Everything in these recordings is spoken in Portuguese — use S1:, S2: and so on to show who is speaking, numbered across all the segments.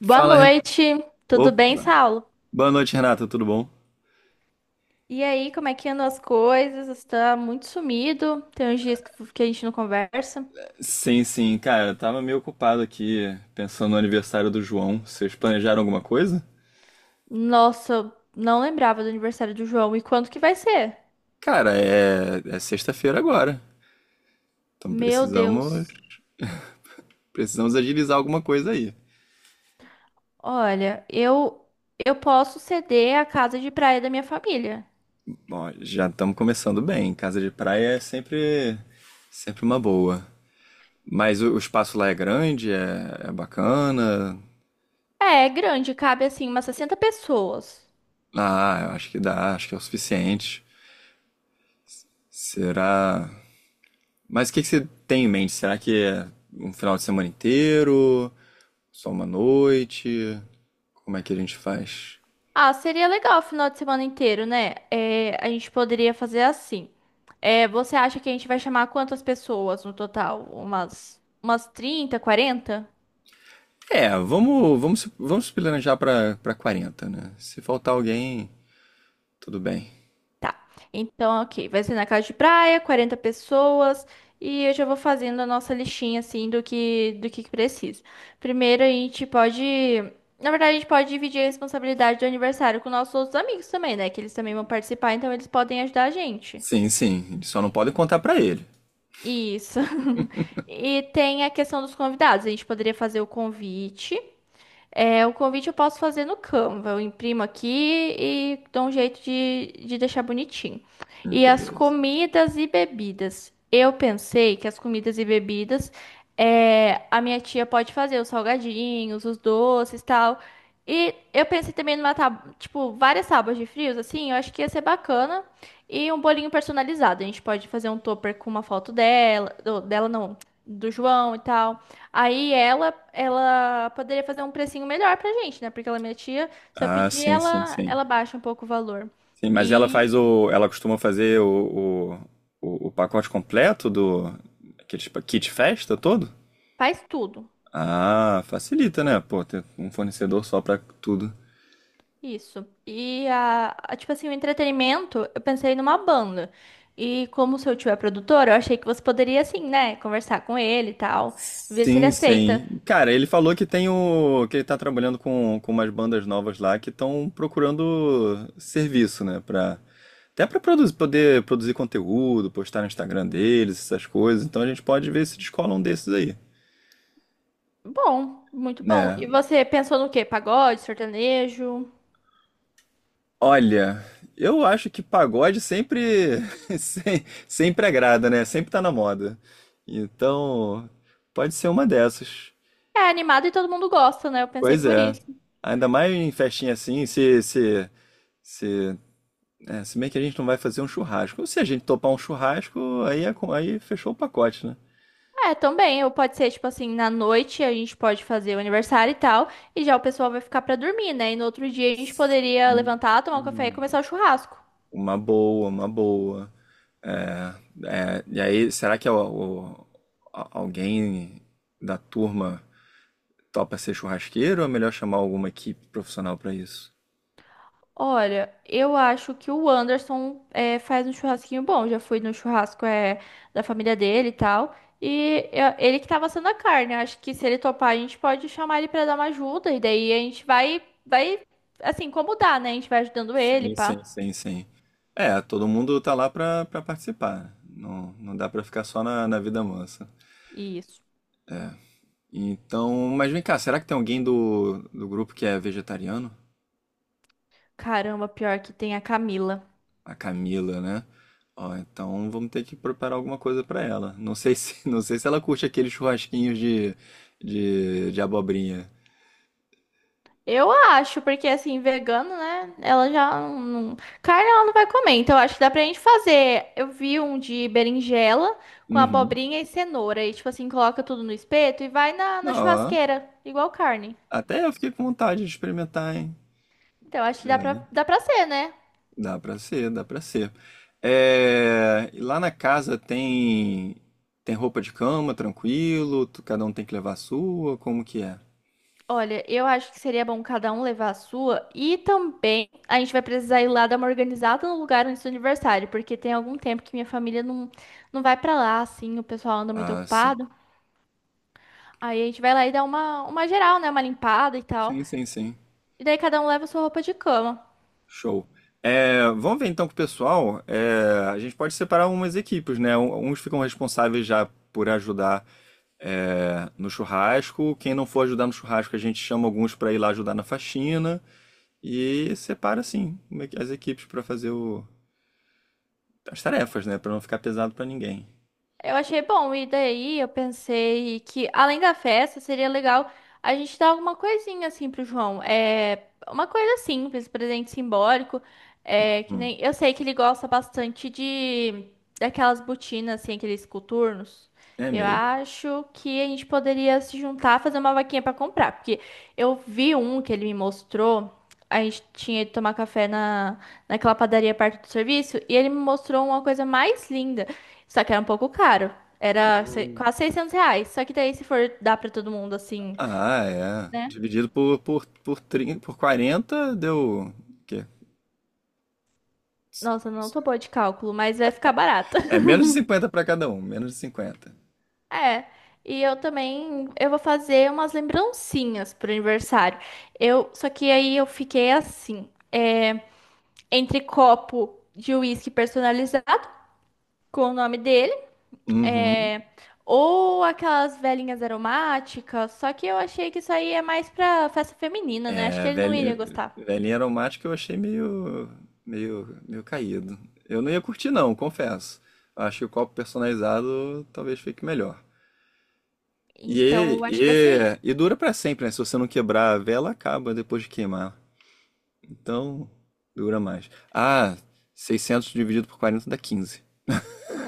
S1: Boa
S2: Fala, Renato.
S1: noite, tudo bem,
S2: Opa.
S1: Saulo?
S2: Boa noite, Renata, tudo bom?
S1: E aí, como é que andam as coisas? Você tá muito sumido, tem uns dias que a gente não conversa.
S2: Sim, sim, cara, eu tava meio ocupado aqui pensando no aniversário do João. Vocês planejaram alguma coisa?
S1: Nossa, não lembrava do aniversário do João e quando que vai ser?
S2: Cara, é sexta-feira agora. Então
S1: Meu Deus.
S2: precisamos agilizar alguma coisa aí.
S1: Olha, eu posso ceder a casa de praia da minha família.
S2: Bom, já estamos começando bem. Casa de praia é sempre uma boa. Mas o espaço lá é grande, é bacana.
S1: É, é grande, cabe assim umas 60 pessoas.
S2: Ah, eu acho que dá, acho que é o suficiente. Será? Mas o que que você tem em mente? Será que é um final de semana inteiro? Só uma noite? Como é que a gente faz?
S1: Ah, seria legal o final de semana inteiro, né? É, a gente poderia fazer assim. É, você acha que a gente vai chamar quantas pessoas no total? Umas 30, 40?
S2: É, vamos se planejar para quarenta, né? Se faltar alguém, tudo bem.
S1: Tá. Então, ok. Vai ser na casa de praia, 40 pessoas. E eu já vou fazendo a nossa listinha, assim, do que precisa. Primeiro, a gente pode. Na verdade, a gente pode dividir a responsabilidade do aniversário com nossos outros amigos também, né? Que eles também vão participar, então eles podem ajudar a gente.
S2: Sim, sim, eles só não podem contar para ele.
S1: Isso. E tem a questão dos convidados. A gente poderia fazer o convite. É, o convite eu posso fazer no Canva. Eu imprimo aqui e dou um jeito de deixar bonitinho.
S2: Hum.
S1: E as
S2: Beleza.
S1: comidas e bebidas. Eu pensei que as comidas e bebidas, é, a minha tia pode fazer os salgadinhos, os doces e tal. E eu pensei também numa tábua, tipo, várias tábuas de frios, assim, eu acho que ia ser bacana. E um bolinho personalizado. A gente pode fazer um topper com uma foto dela, do- dela não, do João e tal. Aí ela poderia fazer um precinho melhor pra gente, né? Porque ela é minha tia. Se eu
S2: Ah,
S1: pedir,
S2: sim, sim,
S1: ela,
S2: sim.
S1: ela baixa um pouco o valor.
S2: Sim, mas ela
S1: E
S2: faz o, ela costuma fazer o pacote completo do aquele tipo, kit festa todo?
S1: faz tudo.
S2: Ah, facilita, né? Pô, ter um fornecedor só pra tudo.
S1: Isso. E tipo assim, o entretenimento, eu pensei numa banda. E como o seu tio é produtor, eu achei que você poderia, assim, né? Conversar com ele e tal. Ver se ele
S2: Sim,
S1: aceita.
S2: sim. Cara, ele falou que tem o, que ele tá trabalhando com umas bandas novas lá que estão procurando serviço, né, até pra produzir, poder produzir conteúdo, postar no Instagram deles, essas coisas. Então a gente pode ver se descola um desses aí,
S1: Bom, muito bom.
S2: né?
S1: E você pensou no quê? Pagode, sertanejo?
S2: Olha, eu acho que pagode sempre sempre agrada, né? Sempre tá na moda. Então, pode ser uma dessas.
S1: É animado e todo mundo gosta, né? Eu pensei
S2: Pois
S1: por
S2: é.
S1: isso.
S2: Ainda mais em festinha assim, se É, se bem que a gente não vai fazer um churrasco. Se a gente topar um churrasco, aí, é, aí fechou o pacote, né?
S1: É, também, ou pode ser, tipo assim, na noite a gente pode fazer o aniversário e tal, e já o pessoal vai ficar pra dormir, né? E no outro dia a gente poderia levantar, tomar um café e começar o churrasco.
S2: Uma boa, uma boa. É, é, e aí, será que é alguém da turma topa ser churrasqueiro ou é melhor chamar alguma equipe profissional para isso?
S1: Olha, eu acho que o Anderson é, faz um churrasquinho bom. Já fui no churrasco é, da família dele e tal. Ele que tava assando a carne. Acho que se ele topar, a gente pode chamar ele pra dar uma ajuda. E daí a gente assim, como dá, né? A gente vai ajudando ele,
S2: Sim, sim,
S1: pá.
S2: sim, sim. É, todo mundo tá lá pra participar. Não, não dá pra ficar só na vida mansa.
S1: Isso.
S2: Então, mas vem cá, será que tem alguém do grupo que é vegetariano?
S1: Caramba, pior que tem a Camila.
S2: A Camila, né? Ó, então vamos ter que preparar alguma coisa pra ela. Não sei se, não sei se ela curte aqueles churrasquinhos de abobrinha.
S1: Eu acho, porque assim, vegano, né? Ela já não. Carne ela não vai comer. Então, eu acho que dá pra gente fazer. Eu vi um de berinjela com
S2: Uhum.
S1: abobrinha e cenoura. E, tipo assim, coloca tudo no espeto e vai na, na
S2: Não, ó,
S1: churrasqueira, igual carne.
S2: até eu fiquei com vontade de experimentar, hein?
S1: Então, eu acho que dá pra ser, né?
S2: Dá pra ser, dá pra ser. É, e lá na casa tem tem roupa de cama, tranquilo, cada um tem que levar a sua, como que é?
S1: Olha, eu acho que seria bom cada um levar a sua. E também a gente vai precisar ir lá dar uma organizada no lugar antes do aniversário, porque tem algum tempo que minha família não, não vai pra lá, assim, o pessoal anda muito
S2: Ah, sim.
S1: ocupado. Aí a gente vai lá e dá uma geral, né? Uma limpada e tal.
S2: Sim, sim, sim.
S1: E daí cada um leva a sua roupa de cama.
S2: Show. É, vamos ver então com o pessoal. É, a gente pode separar umas equipes, né? Uns ficam responsáveis já por ajudar, é, no churrasco. Quem não for ajudar no churrasco, a gente chama alguns para ir lá ajudar na faxina. E separa, assim, uma as equipes para fazer o- as tarefas, né? Para não ficar pesado para ninguém.
S1: Eu achei bom, e daí eu pensei que, além da festa, seria legal a gente dar alguma coisinha assim pro João. É uma coisa simples, presente simbólico. É que
S2: Hum.
S1: nem. Eu sei que ele gosta bastante de daquelas botinas, assim, aqueles coturnos.
S2: É
S1: Eu
S2: mesmo?
S1: acho que a gente poderia se juntar, fazer uma vaquinha pra comprar. Porque eu vi um que ele me mostrou. A gente tinha ido tomar café naquela padaria perto do serviço. E ele me mostrou uma coisa mais linda. Só que era um pouco caro. Era quase R$ 600. Só que daí, se for dar pra todo mundo assim.
S2: Ah, é. Dividido por, 30, por 40 deu. O quê?
S1: Nossa, não tô boa de cálculo, mas vai ficar barato.
S2: É menos de 50 para cada um, menos de 50.
S1: É. E eu também. Eu vou fazer umas lembrancinhas pro aniversário. Eu, só que aí eu fiquei assim. É, entre copo de uísque personalizado, com o nome dele.
S2: Uhum.
S1: É, ou aquelas velhinhas aromáticas. Só que eu achei que isso aí é mais pra festa feminina, né? Acho que
S2: A
S1: ele não iria
S2: velhinha,
S1: gostar.
S2: velhinha aromática eu achei meio caído. Eu não ia curtir não, confesso. Acho que o copo personalizado talvez fique melhor.
S1: Então,
S2: E,
S1: eu acho que vai ser isso.
S2: e dura pra sempre, né? Se você não quebrar a vela, acaba depois de queimar. Então, dura mais. Ah, 600 dividido por 40 dá 15.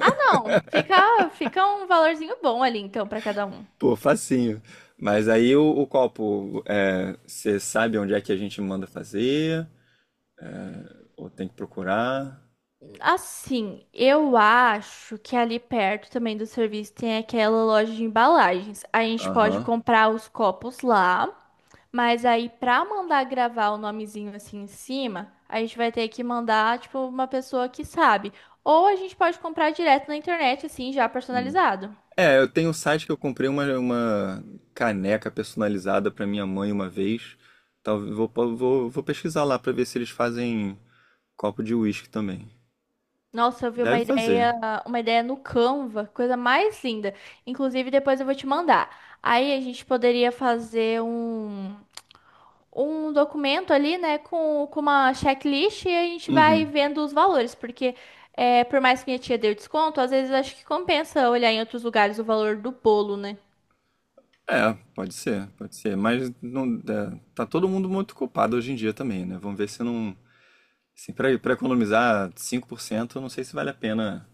S1: Ah, não. Fica, fica um valorzinho bom ali, então, pra cada um.
S2: Pô, facinho. Mas aí o copo, é, você sabe onde é que a gente manda fazer? Ou tem que procurar?
S1: Assim, eu acho que ali perto também do serviço tem aquela loja de embalagens. A gente pode
S2: Aham.
S1: comprar os copos lá, mas aí pra mandar gravar o nomezinho assim em cima, a gente vai ter que mandar, tipo, uma pessoa que sabe. Ou a gente pode comprar direto na internet, assim, já
S2: Hum.
S1: personalizado.
S2: É, eu tenho um site que eu comprei uma caneca personalizada para minha mãe uma vez. Talvez vou pesquisar lá para ver se eles fazem copo de uísque também.
S1: Nossa, eu vi
S2: Deve fazer.
S1: uma ideia no Canva, coisa mais linda. Inclusive, depois eu vou te mandar. Aí a gente poderia fazer um documento ali, né, com uma checklist e a gente vai
S2: Uhum.
S1: vendo os valores, porque é, por mais que minha tia deu desconto, às vezes acho que compensa olhar em outros lugares o valor do bolo, né?
S2: É, pode ser, pode ser. Mas não, é, tá todo mundo muito culpado hoje em dia também, né? Vamos ver se não. Assim, para economizar 5%, eu não sei se vale a pena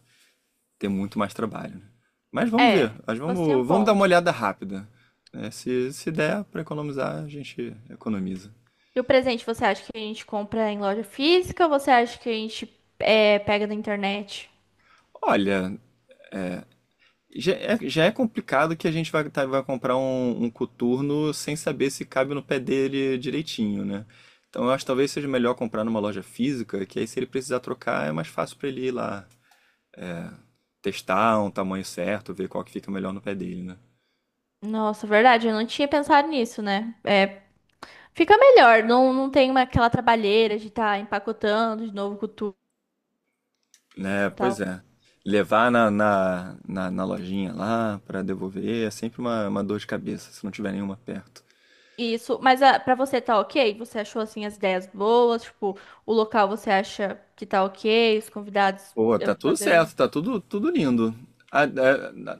S2: ter muito mais trabalho, né? Mas vamos ver.
S1: É,
S2: Mas
S1: você tem um
S2: vamos dar uma
S1: ponto.
S2: olhada rápida, né? Se der para economizar, a gente economiza.
S1: E o presente, você acha que a gente compra em loja física ou você acha que a gente é, pega na internet?
S2: Olha, já é complicado que a gente vai, vai comprar um coturno sem saber se cabe no pé dele direitinho, né? Então eu acho que talvez seja melhor comprar numa loja física, que aí se ele precisar trocar é mais fácil pra ele ir lá testar um tamanho certo, ver qual que fica melhor no pé dele, né?
S1: Nossa, verdade, eu não tinha pensado nisso, né? É, fica melhor, não, não tem uma, aquela trabalheira de estar empacotando de novo com tudo
S2: É,
S1: e
S2: pois
S1: tal.
S2: é. Levar na lojinha lá pra devolver é sempre uma dor de cabeça, se não tiver nenhuma perto.
S1: Isso, mas ah, pra você tá ok? Você achou assim as ideias boas? Tipo, o local você acha que tá ok? Os convidados,
S2: Pô,
S1: eu
S2: tá
S1: vou
S2: tudo
S1: fazer.
S2: certo, tá tudo, tudo lindo. A, a- a-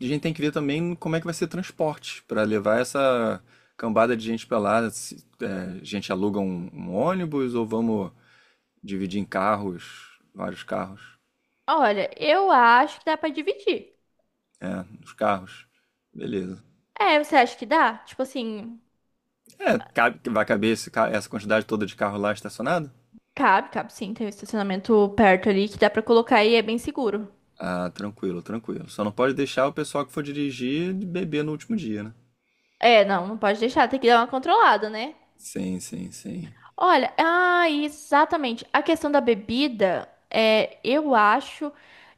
S2: a gente tem que ver também como é que vai ser transporte para levar essa cambada de gente pra lá. Se, é, a gente aluga um ônibus ou vamos dividir em carros, vários carros.
S1: Olha, eu acho que dá pra dividir.
S2: É, os carros. Beleza.
S1: É, você acha que dá? Tipo assim,
S2: É, cabe, vai caber essa quantidade toda de carro lá estacionado?
S1: cabe, cabe sim, tem um estacionamento perto ali que dá pra colocar e é bem seguro.
S2: Ah, tranquilo, tranquilo. Só não pode deixar o pessoal que for dirigir beber no último dia, né?
S1: É, não, não pode deixar, tem que dar uma controlada, né?
S2: Sim, sim, sim.
S1: Olha, ah, exatamente. A questão da bebida, é, eu acho.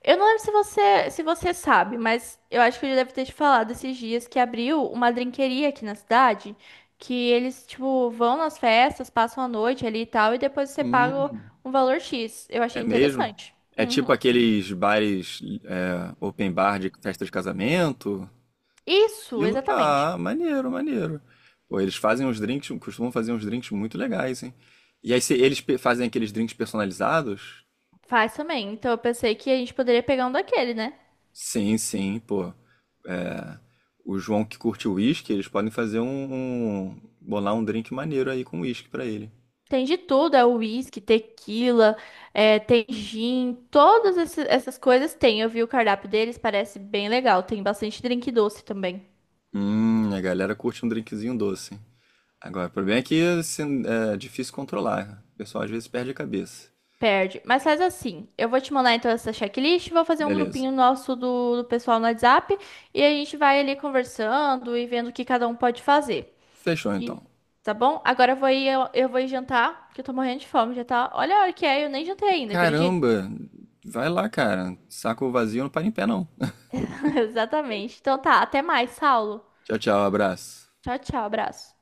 S1: Eu não lembro se você sabe, mas eu acho que eu já deve ter te falado esses dias que abriu uma drinqueria aqui na cidade, que eles, tipo, vão nas festas, passam a noite ali e tal, e depois você paga
S2: Hum.
S1: um valor X. Eu achei
S2: É mesmo?
S1: interessante.
S2: É tipo
S1: Uhum.
S2: aqueles bares, é, open bar de festa de casamento?
S1: Isso,
S2: Aquilo?
S1: exatamente.
S2: Ah, maneiro, maneiro. Pô, eles fazem uns drinks, costumam fazer uns drinks muito legais, hein? E aí se eles fazem aqueles drinks personalizados?
S1: Faz também. Então eu pensei que a gente poderia pegar um daquele, né?
S2: Sim, sim, pô. É. O João que curte uísque, eles podem fazer bolar um drink maneiro aí com uísque pra ele.
S1: Tem de tudo, é uísque, tequila, é, tem gin, todas essas coisas tem. Eu vi o cardápio deles, parece bem legal. Tem bastante drink doce também.
S2: A galera curte um drinkzinho doce. Agora, o problema é que assim, é difícil controlar, né? O pessoal às vezes perde a cabeça.
S1: Perde. Mas faz assim, eu vou te mandar então essa checklist, vou fazer um
S2: Beleza.
S1: grupinho nosso do pessoal no WhatsApp e a gente vai ali conversando e vendo o que cada um pode fazer.
S2: Fechou
S1: E-
S2: então.
S1: tá bom? Agora eu vou ir, eu vou ir jantar, que eu tô morrendo de fome, já tá. Olha a hora que é, eu nem jantei ainda, acredita?
S2: Caramba, vai lá, cara. Saco vazio não para em pé, não.
S1: Exatamente. Então tá, até mais, Saulo.
S2: Tchau, tchau, abraço.
S1: Tchau, tchau, abraço.